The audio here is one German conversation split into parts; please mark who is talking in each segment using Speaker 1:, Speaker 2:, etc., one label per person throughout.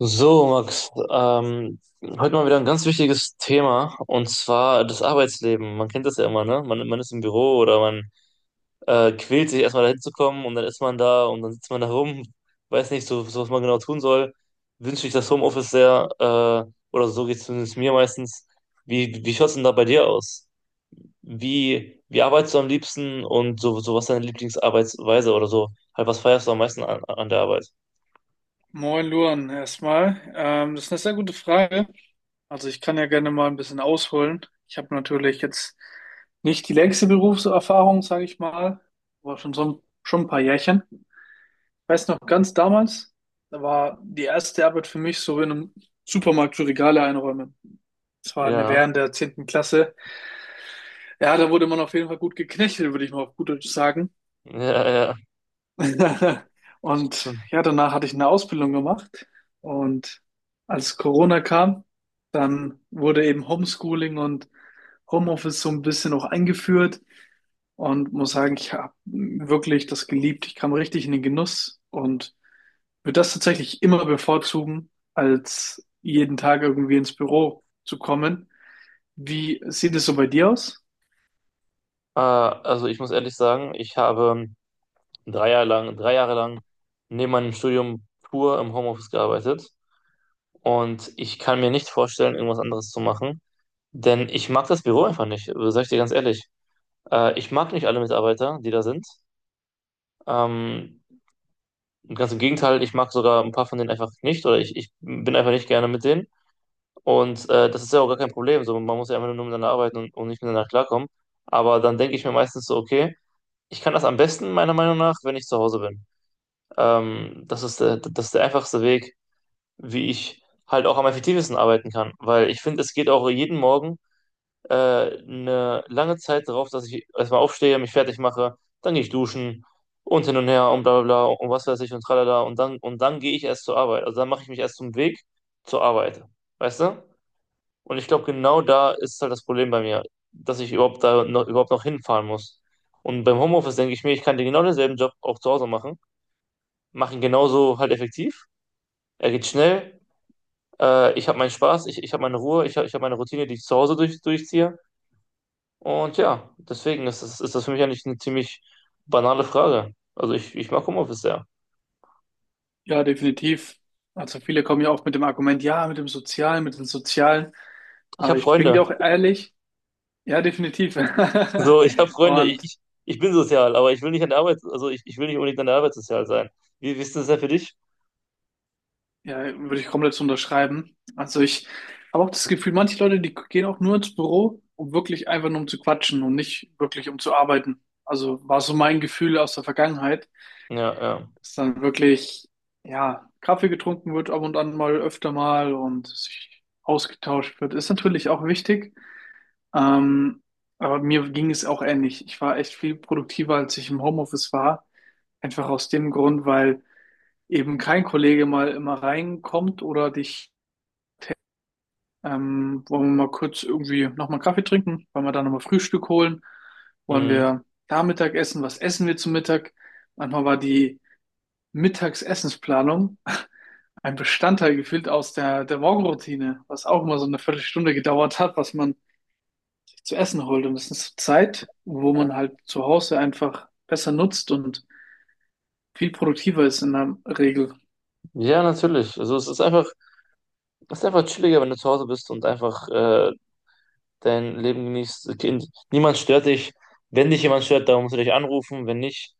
Speaker 1: So, Max, heute mal wieder ein ganz wichtiges Thema und zwar das Arbeitsleben. Man kennt das ja immer, ne? Man ist im Büro oder man quält sich erstmal dahin zu kommen und dann ist man da und dann sitzt man da rum, weiß nicht so was man genau tun soll. Wünsche ich das Homeoffice sehr, oder so geht es zumindest mir meistens. Wie schaut's denn da bei dir aus? Wie arbeitest du am liebsten und so, was ist deine Lieblingsarbeitsweise oder so? Halt, was feierst du am meisten an der Arbeit?
Speaker 2: Moin Luan, erstmal. Das ist eine sehr gute Frage. Also ich kann ja gerne mal ein bisschen ausholen. Ich habe natürlich jetzt nicht die längste Berufserfahrung, sage ich mal, aber schon ein paar Jährchen. Ich weiß noch ganz damals, da war die erste Arbeit für mich so in einem Supermarkt für Regale einräumen. Das war eine
Speaker 1: Ja,
Speaker 2: während der zehnten Klasse. Ja, da wurde man auf jeden Fall gut geknechtet, würde ich mal auf gut Deutsch sagen.
Speaker 1: ja, ja.
Speaker 2: Und ja, danach hatte ich eine Ausbildung gemacht. Und als Corona kam, dann wurde eben Homeschooling und Homeoffice so ein bisschen auch eingeführt. Und muss sagen, ich habe wirklich das geliebt. Ich kam richtig in den Genuss und würde das tatsächlich immer bevorzugen, als jeden Tag irgendwie ins Büro zu kommen. Wie sieht es so bei dir aus?
Speaker 1: Also ich muss ehrlich sagen, ich habe drei Jahre lang neben meinem Studium pur im Homeoffice gearbeitet und ich kann mir nicht vorstellen, irgendwas anderes zu machen, denn ich mag das Büro einfach nicht, sag ich dir ganz ehrlich. Ich mag nicht alle Mitarbeiter, die da sind. Ähm, Ganz im Gegenteil, ich mag sogar ein paar von denen einfach nicht oder ich bin einfach nicht gerne mit denen und das ist ja auch gar kein Problem. So, man muss ja einfach nur miteinander arbeiten und nicht miteinander klarkommen. Aber dann denke ich mir meistens so, okay, ich kann das am besten, meiner Meinung nach, wenn ich zu Hause bin. Das ist das ist der einfachste Weg, wie ich halt auch am effektivsten arbeiten kann. Weil ich finde, es geht auch jeden Morgen eine lange Zeit darauf, dass ich erstmal aufstehe, mich fertig mache, dann gehe ich duschen und hin und her und bla bla bla und was weiß ich und tralala und dann gehe ich erst zur Arbeit. Also dann mache ich mich erst zum Weg zur Arbeit. Weißt du? Und ich glaube, genau da ist halt das Problem bei mir, dass ich überhaupt noch hinfahren muss. Und beim Homeoffice denke ich mir, ich kann den genau denselben Job auch zu Hause machen, mache ihn genauso halt effektiv. Er geht schnell, ich habe meinen Spaß, ich habe meine Ruhe, ich hab meine Routine, die ich zu Hause durchziehe. Und ja, deswegen ist das für mich eigentlich eine ziemlich banale Frage. Also ich mag Homeoffice sehr.
Speaker 2: Ja, definitiv. Also viele kommen ja auch mit dem Argument, ja, mit dem Sozialen, mit den Sozialen.
Speaker 1: Ich
Speaker 2: Aber
Speaker 1: habe
Speaker 2: ich bin dir
Speaker 1: Freunde.
Speaker 2: auch ehrlich, ja, definitiv.
Speaker 1: So, ich habe Freunde. Ich,
Speaker 2: Und
Speaker 1: ich ich bin sozial, aber ich will nicht an der Arbeit, also ich will nicht unbedingt an der Arbeit sozial sein. Wie ist das denn für dich?
Speaker 2: ja, würde ich komplett so unterschreiben. Also ich habe auch das Gefühl, manche Leute, die gehen auch nur ins Büro, um wirklich einfach nur um zu quatschen und nicht wirklich um zu arbeiten. Also war so mein Gefühl aus der Vergangenheit,
Speaker 1: Ja, ja.
Speaker 2: dass dann wirklich, ja, Kaffee getrunken wird ab und an mal öfter mal und sich ausgetauscht wird. Ist natürlich auch wichtig. Ähm, aber mir ging es auch ähnlich. Ich war echt viel produktiver, als ich im Homeoffice war. Einfach aus dem Grund, weil eben kein Kollege mal immer reinkommt oder dich, wollen wir mal kurz irgendwie nochmal Kaffee trinken, wollen wir da nochmal Frühstück holen, wollen
Speaker 1: Mhm.
Speaker 2: wir da Mittag essen, was essen wir zum Mittag? Manchmal war die Mittagsessensplanung ein Bestandteil gefühlt aus der Morgenroutine, was auch immer so eine Viertelstunde gedauert hat, was man zu essen holt. Und das ist Zeit, wo man halt zu Hause einfach besser nutzt und viel produktiver ist in der Regel.
Speaker 1: Ja, natürlich. Also es ist einfach chilliger, wenn du zu Hause bist und einfach dein Leben genießt. Niemand stört dich. Wenn dich jemand stört, dann musst du dich anrufen. Wenn nicht,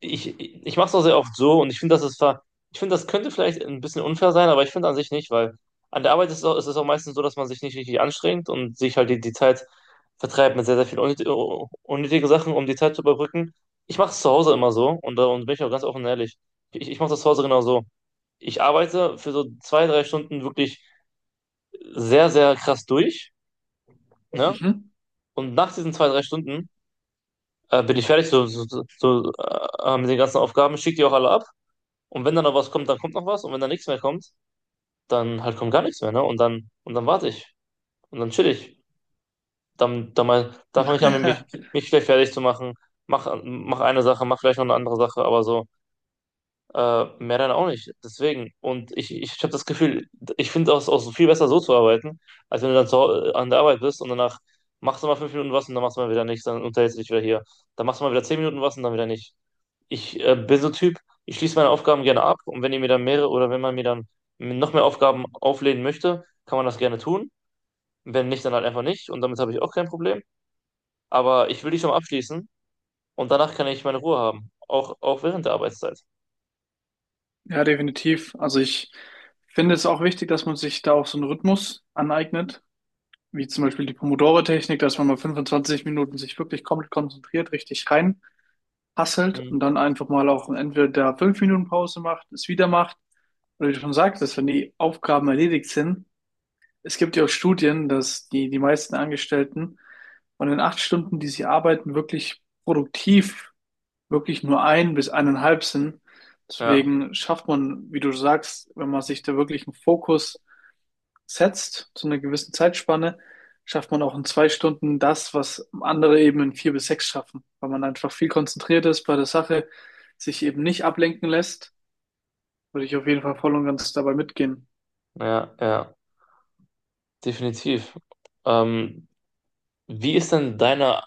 Speaker 1: ich mache es auch sehr oft so und ich finde, das ist ver ich finde, das könnte vielleicht ein bisschen unfair sein, aber ich finde an sich nicht, weil an der Arbeit ist es auch meistens so, dass man sich nicht richtig anstrengt und sich halt die Zeit vertreibt mit sehr, sehr vielen unnötigen Sachen, um die Zeit zu überbrücken. Ich mache es zu Hause immer so und bin ich auch ganz offen und ehrlich. Ich mache das zu Hause genau so. Ich arbeite für so zwei, drei Stunden wirklich sehr, sehr krass durch, ne?
Speaker 2: Mhm.
Speaker 1: Und nach diesen zwei, drei Stunden bin ich fertig so, mit den ganzen Aufgaben, schicke die auch alle ab. Und wenn dann noch was kommt, dann kommt noch was. Und wenn dann nichts mehr kommt, dann halt kommt gar nichts mehr, ne? Und dann warte ich. Und dann chill ich. Dann fange ich an, mich vielleicht fertig zu machen. Mach eine Sache, mach vielleicht noch eine andere Sache, aber so, mehr dann auch nicht. Deswegen. Und ich habe das Gefühl, ich finde es auch viel besser so zu arbeiten, als wenn du dann an der Arbeit bist und danach machst du mal fünf Minuten was und dann machst du mal wieder nichts, dann unterhältst du dich wieder hier. Dann machst du mal wieder zehn Minuten was und dann wieder nicht. Ich bin so ein Typ, ich schließe meine Aufgaben gerne ab und wenn ihr mir dann mehrere oder wenn man mir dann noch mehr Aufgaben auflehnen möchte, kann man das gerne tun. Wenn nicht, dann halt einfach nicht und damit habe ich auch kein Problem. Aber ich will die schon mal abschließen und danach kann ich meine Ruhe haben, auch, auch während der Arbeitszeit.
Speaker 2: Ja, definitiv. Also ich finde es auch wichtig, dass man sich da auch so einen Rhythmus aneignet, wie zum Beispiel die Pomodoro-Technik, dass man mal 25 Minuten sich wirklich komplett konzentriert, richtig rein hasselt
Speaker 1: Hm.
Speaker 2: und dann einfach mal auch entweder da 5 Minuten Pause macht, es wieder macht, oder wie du schon sagtest, wenn die Aufgaben erledigt sind. Es gibt ja auch Studien, dass die meisten Angestellten von den 8 Stunden, die sie arbeiten, wirklich produktiv, wirklich nur ein bis eineinhalb sind.
Speaker 1: Ja,
Speaker 2: Deswegen schafft man, wie du sagst, wenn man sich da wirklich einen Fokus setzt, zu einer gewissen Zeitspanne, schafft man auch in 2 Stunden das, was andere eben in vier bis sechs schaffen, weil man einfach viel konzentriert ist bei der Sache, sich eben nicht ablenken lässt. Würde ich auf jeden Fall voll und ganz dabei mitgehen.
Speaker 1: ja, ja, definitiv. Ähm, Wie ist denn deine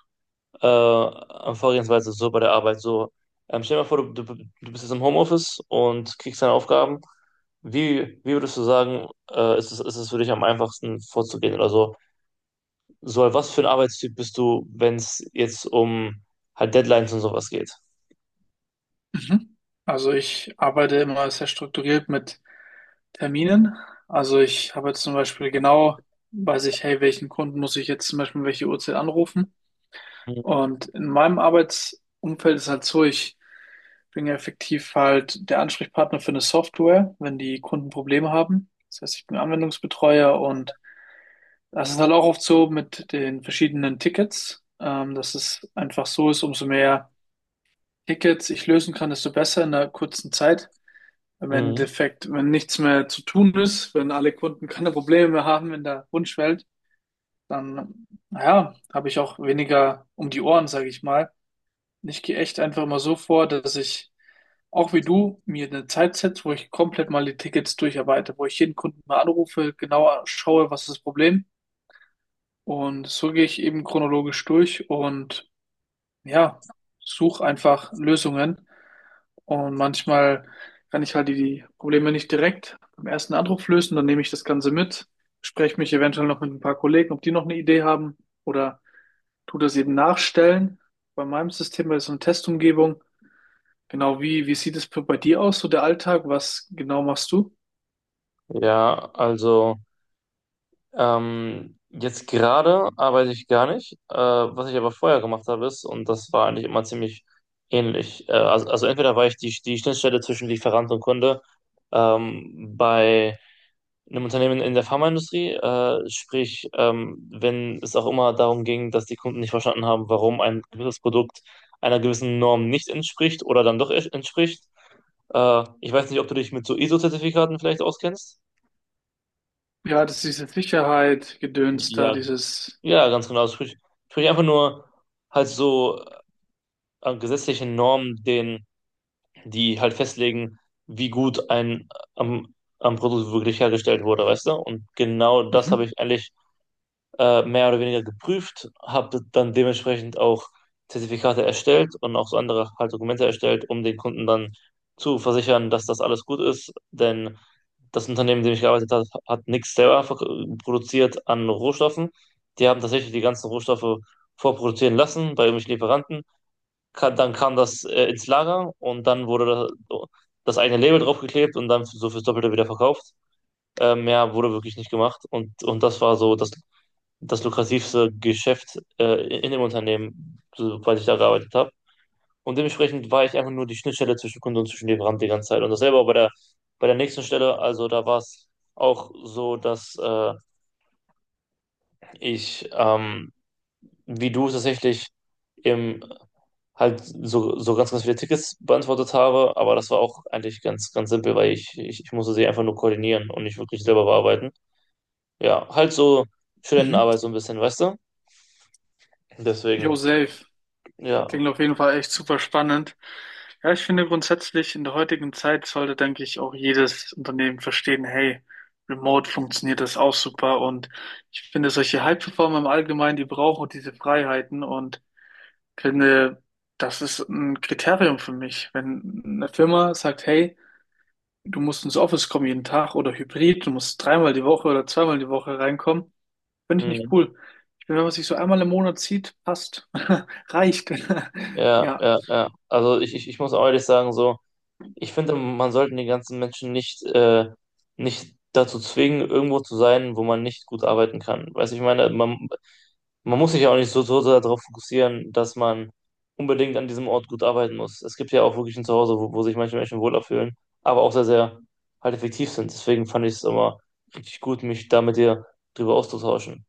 Speaker 1: an Vorgehensweise so bei der Arbeit. So, stell dir mal vor, du bist jetzt im Homeoffice und kriegst deine Aufgaben. Wie würdest du sagen, ist es für dich am einfachsten vorzugehen oder so? So, was für ein Arbeitstyp bist du, wenn es jetzt um halt Deadlines und sowas geht?
Speaker 2: Mhm. Also ich arbeite immer sehr strukturiert mit Terminen. Also ich habe jetzt zum Beispiel genau, weiß ich, hey, welchen Kunden muss ich jetzt zum Beispiel um welche Uhrzeit anrufen? Und in meinem Arbeitsumfeld ist halt so, ich bin ja effektiv halt der Ansprechpartner für eine Software, wenn die Kunden Probleme haben. Das heißt, ich bin Anwendungsbetreuer und das ist halt auch oft so mit den verschiedenen Tickets, dass es einfach so ist, umso mehr Tickets ich lösen kann, desto besser in einer kurzen Zeit. Im
Speaker 1: Mhm.
Speaker 2: Endeffekt, wenn nichts mehr zu tun ist, wenn alle Kunden keine Probleme mehr haben in der Wunschwelt, dann, naja, habe ich auch weniger um die Ohren, sage ich mal. Ich gehe echt einfach mal so vor, dass ich, auch wie du, mir eine Zeit setze, wo ich komplett mal die Tickets durcharbeite, wo ich jeden Kunden mal anrufe, genauer schaue, was ist das Problem. Und so gehe ich eben chronologisch durch und ja, such einfach Lösungen. Und manchmal kann ich halt die Probleme nicht direkt beim ersten Anruf lösen. Dann nehme ich das Ganze mit, spreche mich eventuell noch mit ein paar Kollegen, ob die noch eine Idee haben oder tu das eben nachstellen. Bei meinem System bei so einer Testumgebung. Genau wie, wie sieht es bei dir aus, so der Alltag? Was genau machst du?
Speaker 1: Ja, also. Jetzt gerade arbeite ich gar nicht. Was ich aber vorher gemacht habe, ist, und das war eigentlich immer ziemlich ähnlich. Also entweder war ich die Schnittstelle zwischen Lieferant und Kunde, bei einem Unternehmen in der Pharmaindustrie. Sprich, wenn es auch immer darum ging, dass die Kunden nicht verstanden haben, warum ein gewisses Produkt einer gewissen Norm nicht entspricht oder dann doch entspricht. Ich weiß nicht, ob du dich mit so ISO-Zertifikaten vielleicht auskennst.
Speaker 2: Ja, das ist diese Sicherheit, Gedöns da,
Speaker 1: Ja,
Speaker 2: dieses
Speaker 1: ja, ganz genau. Das tue ich. Sprich einfach nur halt so gesetzlichen Normen, die halt festlegen, wie gut ein am, am Produkt wirklich hergestellt wurde, weißt du? Und genau das
Speaker 2: Mhm.
Speaker 1: habe ich eigentlich mehr oder weniger geprüft, habe dann dementsprechend auch Zertifikate erstellt und auch so andere halt Dokumente erstellt, um den Kunden dann zu versichern, dass das alles gut ist. Denn das Unternehmen, in dem ich gearbeitet habe, hat nichts selber produziert an Rohstoffen. Die haben tatsächlich die ganzen Rohstoffe vorproduzieren lassen bei irgendwelchen Lieferanten. Dann kam das ins Lager und dann wurde das, das eigene Label draufgeklebt und dann so fürs Doppelte wieder verkauft. Mehr wurde wirklich nicht gemacht und das war so das lukrativste Geschäft in dem Unternehmen, soweit ich da gearbeitet habe. Und dementsprechend war ich einfach nur die Schnittstelle zwischen Kunde und zwischen Lieferant die ganze Zeit. Und dasselbe auch bei bei der nächsten Stelle. Also da war es auch so, dass ich, ähm, wie du tatsächlich im halt so, so ganz, ganz viele Tickets beantwortet habe, aber das war auch eigentlich ganz, ganz simpel, weil ich musste sie einfach nur koordinieren und nicht wirklich selber bearbeiten. Ja, halt so
Speaker 2: Mhm.
Speaker 1: Studentenarbeit so ein bisschen, weißt du?
Speaker 2: Yo,
Speaker 1: Deswegen,
Speaker 2: safe.
Speaker 1: ja,
Speaker 2: Klingt auf jeden Fall echt super spannend. Ja, ich finde grundsätzlich in der heutigen Zeit sollte, denke ich, auch jedes Unternehmen verstehen, hey, remote funktioniert das auch super und ich finde solche High-Performer im Allgemeinen, die brauchen auch diese Freiheiten und finde, das ist ein Kriterium für mich. Wenn eine Firma sagt, hey, du musst ins Office kommen jeden Tag oder hybrid, du musst dreimal die Woche oder zweimal die Woche reinkommen, finde ich nicht
Speaker 1: hm,
Speaker 2: cool. Ich finde, wenn man sich so einmal im Monat sieht, passt, reicht.
Speaker 1: ja,
Speaker 2: Ja.
Speaker 1: ja, ja. Also ich muss auch ehrlich sagen, so, ich finde, man sollte die ganzen Menschen nicht, nicht dazu zwingen, irgendwo zu sein, wo man nicht gut arbeiten kann. Weißt du, ich meine, man muss sich ja auch nicht so darauf fokussieren, dass man unbedingt an diesem Ort gut arbeiten muss. Es gibt ja auch wirklich ein Zuhause, wo sich manche Menschen wohler fühlen, aber auch sehr, sehr halt effektiv sind. Deswegen fand ich es immer richtig gut, mich da mit dir drüber auszutauschen.